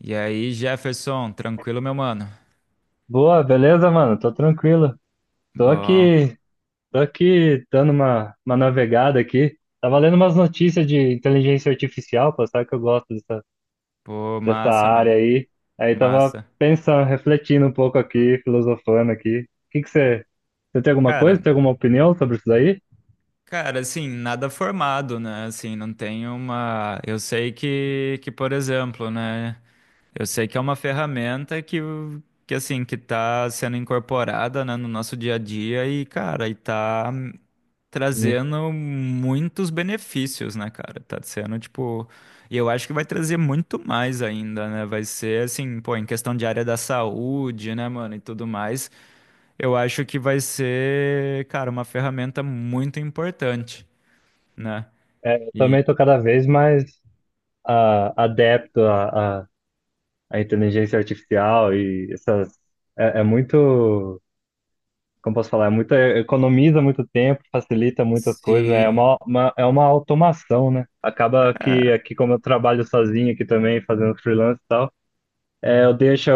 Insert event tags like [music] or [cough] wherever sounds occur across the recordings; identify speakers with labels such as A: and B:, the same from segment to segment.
A: E aí, Jefferson, tranquilo, meu mano?
B: Boa, beleza, mano? Tô tranquilo. Tô
A: Bom,
B: aqui, tô aqui dando uma navegada aqui. Tava lendo umas notícias de inteligência artificial, pô, sabe que eu gosto dessa,
A: pô,
B: dessa
A: massa, mano,
B: área aí. Aí tava
A: massa.
B: pensando, refletindo um pouco aqui, filosofando aqui. O que que você
A: Cara,
B: tem alguma opinião sobre isso daí?
A: assim, nada formado, né? Assim, não tem uma. Eu sei que, por exemplo, né? Eu sei que é uma ferramenta que assim, que tá sendo incorporada, né, no nosso dia a dia e, cara, e tá
B: Hum.
A: trazendo muitos benefícios, né, cara? Tá sendo, tipo, e eu acho que vai trazer muito mais ainda, né? Vai ser assim, pô, em questão de área da saúde, né, mano, e tudo mais, eu acho que vai ser, cara, uma ferramenta muito importante, né?
B: Eu
A: E
B: também tô cada vez mais adepto à inteligência artificial e essas, é muito, como posso falar, economiza muito tempo, facilita muitas coisas,
A: se
B: é uma automação, né? Acaba que
A: é,
B: aqui, como eu trabalho sozinho aqui também, fazendo freelance e tal, eu deixo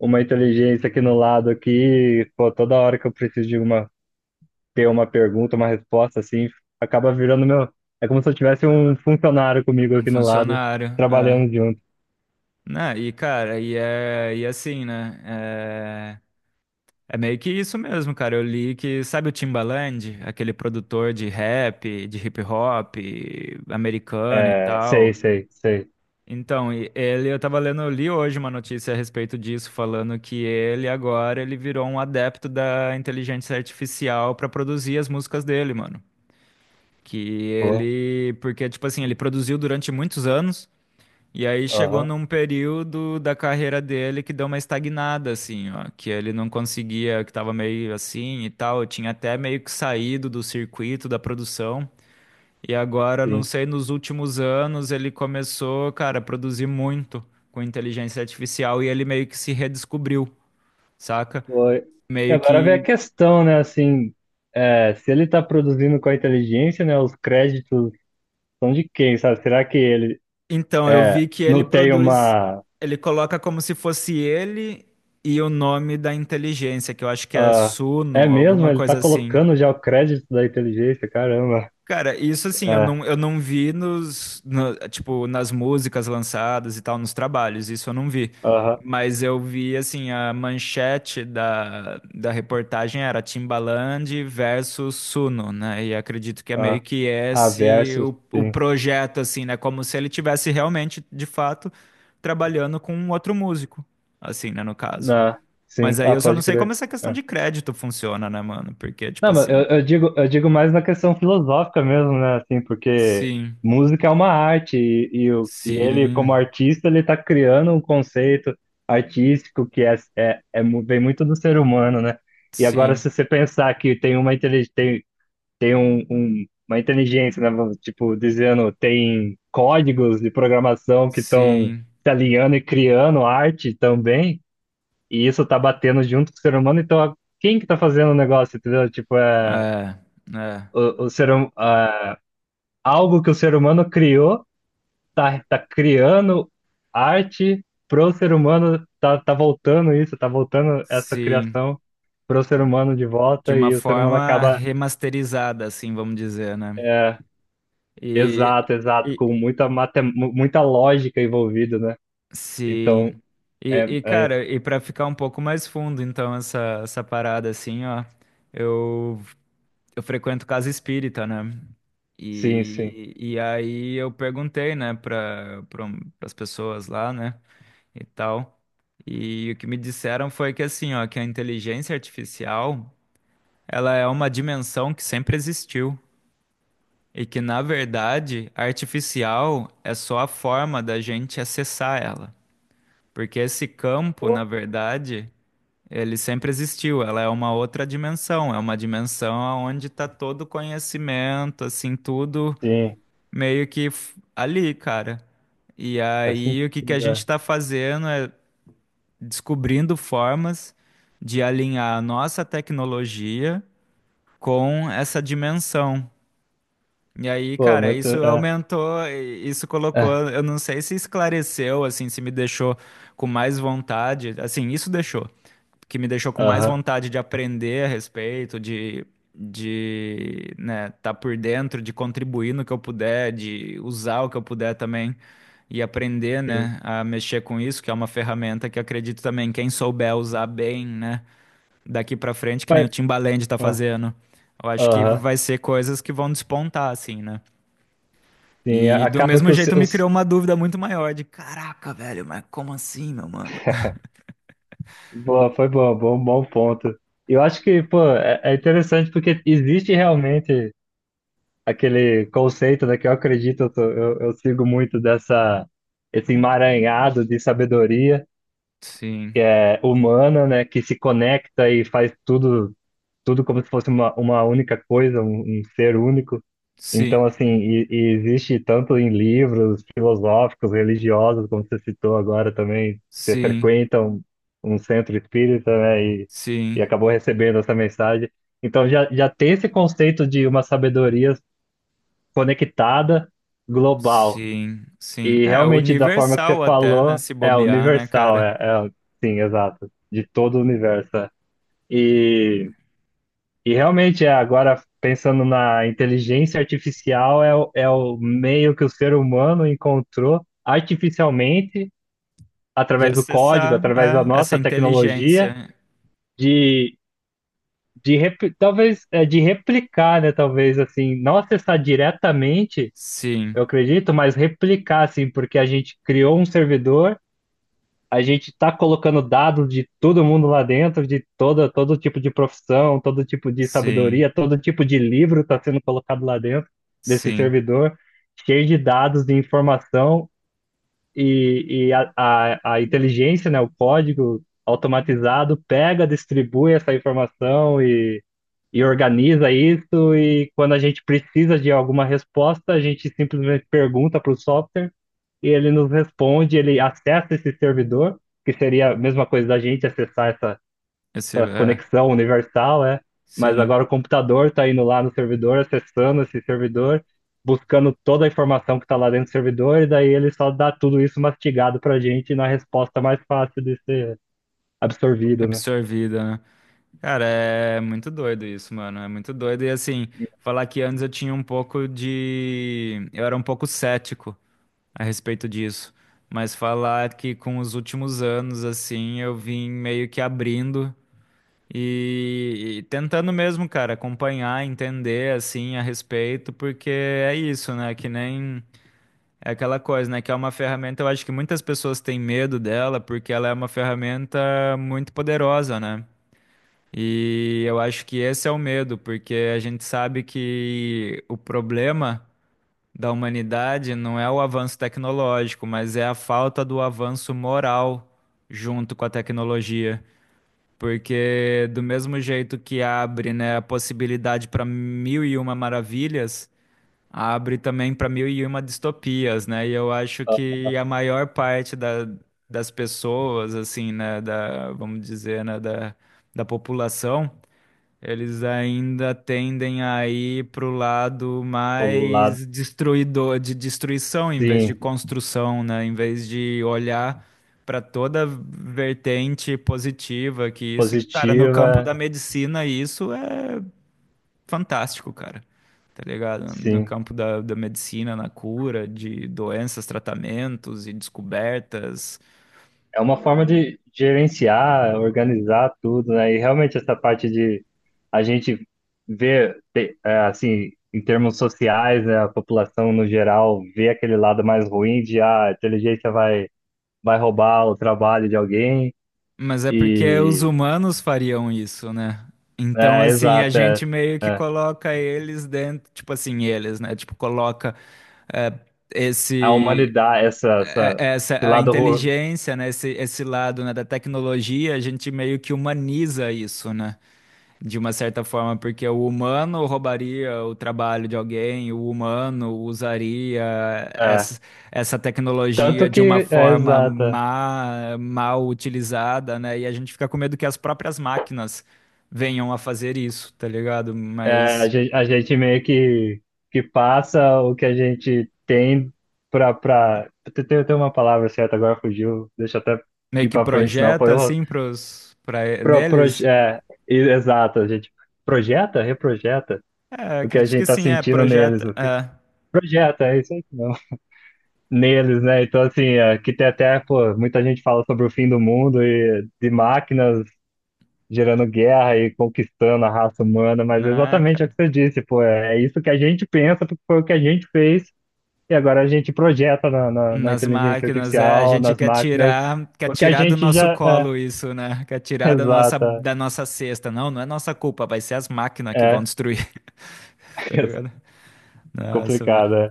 B: uma inteligência aqui no lado aqui, pô, toda hora que eu preciso ter uma pergunta, uma resposta, assim, acaba virando meu. É como se eu tivesse um funcionário comigo
A: um
B: aqui no lado,
A: funcionário, é,
B: trabalhando junto.
A: né? E cara, e é, e assim, né? É meio que isso mesmo, cara. Eu li que, sabe o Timbaland, aquele produtor de rap, de hip hop americano e
B: É, sei,
A: tal.
B: sei, sei.
A: Então, ele, eu tava lendo, eu li hoje uma notícia a respeito disso, falando que ele agora ele virou um adepto da inteligência artificial pra produzir as músicas dele, mano. Que
B: Pô,
A: ele, porque tipo assim, ele produziu durante muitos anos. E aí chegou
B: aham,
A: num período da carreira dele que deu uma estagnada, assim, ó, que ele não conseguia, que tava meio assim e tal, tinha até meio que saído do circuito da produção. E agora, não
B: sim.
A: sei, nos últimos anos ele começou, cara, a produzir muito com inteligência artificial e ele meio que se redescobriu, saca?
B: Foi. E
A: Meio
B: agora vem a
A: que.
B: questão, né? Assim, se ele está produzindo com a inteligência, né? Os créditos são de quem, sabe? Será que ele
A: Então, eu
B: é,
A: vi que ele
B: não tem
A: produz,
B: uma.
A: ele coloca como se fosse ele e o nome da inteligência, que eu acho que é
B: Ah, é
A: Suno,
B: mesmo?
A: alguma
B: Ele está
A: coisa assim.
B: colocando já o crédito da inteligência, caramba.
A: Cara, isso assim,
B: É,
A: eu não vi nos, tipo, nas músicas lançadas e tal, nos trabalhos, isso eu não vi.
B: aham,
A: Mas eu vi, assim, a manchete da reportagem era Timbaland versus Suno, né? E acredito que é meio
B: ah,
A: que
B: ah,
A: esse
B: versus,
A: o
B: sim.
A: projeto, assim, né? Como se ele tivesse realmente, de fato, trabalhando com um outro músico, assim, né, no caso.
B: Ah, sim,
A: Mas aí
B: ah,
A: eu só não
B: pode
A: sei como
B: crer.
A: essa questão
B: É.
A: de crédito funciona, né, mano? Porque, tipo
B: Não, mas eu,
A: assim,
B: eu digo, eu digo, mais na questão filosófica mesmo, né? Assim, porque
A: sim,
B: música é uma arte e ele, como
A: sim.
B: artista, ele está criando um conceito artístico que vem muito do ser humano, né? E agora,
A: Sim,
B: se você pensar que tem uma inteligência, né? Tipo, dizendo, tem códigos de programação que estão
A: sim,
B: se alinhando e criando arte também, e isso está batendo junto com o ser humano, então quem que tá fazendo o negócio, entendeu? Tipo,
A: é, é,
B: o, o ser, hum- ah, algo que o ser humano criou, tá criando arte pro ser humano, tá voltando isso, tá voltando essa
A: sim,
B: criação pro ser humano de
A: de
B: volta
A: uma
B: e o ser humano
A: forma
B: acaba,
A: remasterizada, assim, vamos dizer, né?
B: é,
A: E,
B: exato, exato,
A: e
B: com muita lógica envolvida, né? Então,
A: sim,
B: é,
A: e,
B: é,
A: cara, e para ficar um pouco mais fundo, então, essa parada, assim, ó, eu, eu frequento casa espírita, né?
B: sim, sim.
A: E aí eu perguntei, né, para pra as pessoas lá, né, e tal, e o que me disseram foi que, assim, ó, que a inteligência artificial, ela é uma dimensão que sempre existiu e que, na verdade, artificial é só a forma da gente acessar ela. Porque esse campo, na
B: Pô,
A: verdade, ele sempre existiu. Ela é uma outra dimensão, é uma dimensão onde está todo o conhecimento, assim, tudo
B: sim,
A: meio que ali, cara. E
B: faz
A: aí, o que que a
B: sentido.
A: gente
B: É.
A: está fazendo é descobrindo formas de alinhar a nossa tecnologia com essa dimensão. E aí,
B: Pô,
A: cara,
B: muito.
A: isso
B: É,
A: aumentou, isso colocou,
B: é,
A: eu não sei se esclareceu, assim, se me deixou com mais vontade, assim, que me deixou com mais
B: aham,
A: vontade de aprender a respeito, de, né, tá por dentro, de contribuir no que eu puder, de usar o que eu puder também e aprender,
B: sim.
A: né, a mexer com isso, que é uma ferramenta que acredito também, quem souber usar bem, né, daqui pra frente, que nem o
B: Mas,
A: Timbaland tá
B: ah,
A: fazendo, eu acho que
B: aham,
A: vai ser coisas que vão despontar, assim, né?
B: sim.
A: E do mesmo jeito me criou uma dúvida muito maior de, caraca, velho, mas como assim, meu mano?
B: Boa, foi boa, bom ponto. Eu acho que, pô, é interessante porque existe realmente aquele conceito, né, que eu acredito, eu sigo muito dessa, esse emaranhado de sabedoria que
A: Sim,
B: é humana, né, que se conecta e faz tudo como se fosse uma única coisa, um ser único.
A: sim,
B: Então, assim, e existe tanto em livros filosóficos, religiosos, como você citou agora também, você
A: sim,
B: frequenta um centro espírita, né, e
A: sim,
B: acabou recebendo essa mensagem. Então, já, já tem esse conceito de uma sabedoria conectada, global,
A: sim, sim.
B: e
A: É
B: realmente, da forma que você
A: universal até, né,
B: falou,
A: se
B: é
A: bobear, né,
B: universal,
A: cara?
B: é sim, exato, de todo o universo. É. E e realmente, agora pensando na inteligência artificial, é o meio que o ser humano encontrou artificialmente,
A: De
B: através do código,
A: acessar,
B: através da
A: é, essa
B: nossa tecnologia,
A: inteligência.
B: de, talvez é, de replicar, né? Talvez assim, não acessar diretamente, eu
A: Sim,
B: acredito, mas replicar, assim, porque a gente criou um servidor. A gente está colocando dados de todo mundo lá dentro, todo tipo de profissão, todo tipo de
A: sim,
B: sabedoria, todo tipo de livro está sendo colocado lá dentro desse
A: sim.
B: servidor, cheio de dados, de informação, e a inteligência, né, o código automatizado, pega, distribui essa informação e organiza isso. E quando a gente precisa de alguma resposta, a gente simplesmente pergunta para o software e ele nos responde. Ele acessa esse servidor, que seria a mesma coisa da gente acessar essa,
A: Esse,
B: essa
A: é,
B: conexão universal. É. Mas
A: sim,
B: agora o computador está indo lá no servidor, acessando esse servidor, buscando toda a informação que está lá dentro do servidor, e daí ele só dá tudo isso mastigado para a gente na resposta mais fácil de ser absorvida, né?
A: absorvida, né? Cara, é muito doido isso, mano. É muito doido. E assim, falar que antes eu tinha um pouco de. Eu era um pouco cético a respeito disso, mas falar que com os últimos anos, assim, eu vim meio que abrindo e tentando mesmo, cara, acompanhar, entender, assim, a respeito, porque é isso, né? Que nem é aquela coisa, né? Que é uma ferramenta, eu acho que muitas pessoas têm medo dela, porque ela é uma ferramenta muito poderosa, né? E eu acho que esse é o medo, porque a gente sabe que o problema da humanidade não é o avanço tecnológico, mas é a falta do avanço moral junto com a tecnologia. Porque do mesmo jeito que abre, né, a possibilidade para mil e uma maravilhas, abre também para mil e uma distopias, né? E eu acho que a maior parte das pessoas, assim, né, vamos dizer, né, da população, eles ainda tendem a ir pro lado
B: O lado,
A: mais destruidor, de destruição em vez de
B: sim,
A: construção, né? Em vez de olhar para toda vertente positiva que isso, que, cara, no campo
B: positiva.
A: da medicina isso é fantástico, cara. Tá ligado? No
B: Sim.
A: campo da medicina, na cura de doenças, tratamentos e descobertas.
B: É uma forma de gerenciar, organizar tudo, né? E realmente essa parte de a gente ver, assim, em termos sociais, né, a população no geral vê aquele lado mais ruim de a inteligência vai roubar o trabalho de alguém,
A: Mas é porque os
B: e
A: humanos fariam isso, né? Então,
B: é,
A: assim, a
B: exato, é,
A: gente meio que
B: é.
A: coloca eles dentro, tipo assim, eles, né? Tipo, coloca é,
B: A
A: esse
B: humanidade,
A: é, essa
B: esse
A: a
B: lado ruim,
A: inteligência, né? Esse lado, né, da tecnologia, a gente meio que humaniza isso, né? De uma certa forma, porque o humano roubaria o trabalho de alguém, o humano usaria
B: é.
A: essa, essa
B: Tanto
A: tecnologia de uma
B: que, é,
A: forma
B: exato. É.
A: má, mal utilizada, né? E a gente fica com medo que as próprias máquinas venham a fazer isso, tá ligado?
B: É, a
A: Mas
B: gente, a gente meio que passa o que a gente tem pra. Tem uma palavra certa, agora fugiu, deixa eu até
A: meio
B: ir
A: que
B: pra frente, senão
A: projeta
B: foi. O-
A: assim pros, pra,
B: Pro,
A: neles.
B: proje- é, e- Exato, a gente projeta, reprojeta
A: É,
B: o que a
A: acredito que
B: gente tá
A: sim, é,
B: sentindo neles,
A: projeta.
B: o que,
A: É,
B: projeta, é isso aí mesmo. [laughs] Neles, né? Então, assim, que tem até, pô, muita gente fala sobre o fim do mundo e de máquinas gerando guerra e conquistando a raça humana, mas é
A: né,
B: exatamente o que
A: cara?
B: você disse, pô, é isso que a gente pensa, porque foi o que a gente fez, e agora a gente projeta na
A: Nas
B: inteligência
A: máquinas, é, a
B: artificial,
A: gente
B: nas máquinas,
A: quer
B: o que a
A: tirar do
B: gente
A: nosso
B: já é,
A: colo isso, né? Quer
B: [laughs]
A: tirar
B: exata,
A: da nossa cesta. Não, não é nossa culpa, vai ser as máquinas que vão
B: é,
A: destruir, [laughs] tá
B: [laughs]
A: ligado? Nossa, mano.
B: complicado, é.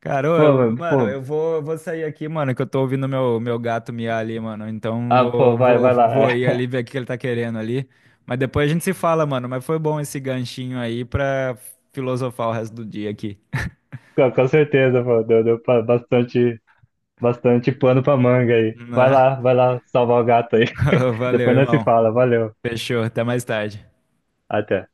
A: Cara, ô,
B: Pô,
A: eu,
B: mas,
A: mano,
B: pô,
A: eu vou sair aqui, mano, que eu tô ouvindo meu gato miar ali, mano. Então
B: ah, pô, vai, vai lá,
A: vou ir ali ver o que ele tá querendo ali. Mas depois a gente se fala, mano. Mas foi bom esse ganchinho aí pra filosofar o resto do dia aqui.
B: [laughs] com certeza, pô, bastante pano pra manga aí, vai
A: Né?
B: lá, vai lá salvar o gato aí,
A: [laughs]
B: [laughs]
A: Valeu,
B: depois nós se
A: irmão.
B: fala, valeu,
A: Fechou, até mais tarde.
B: até.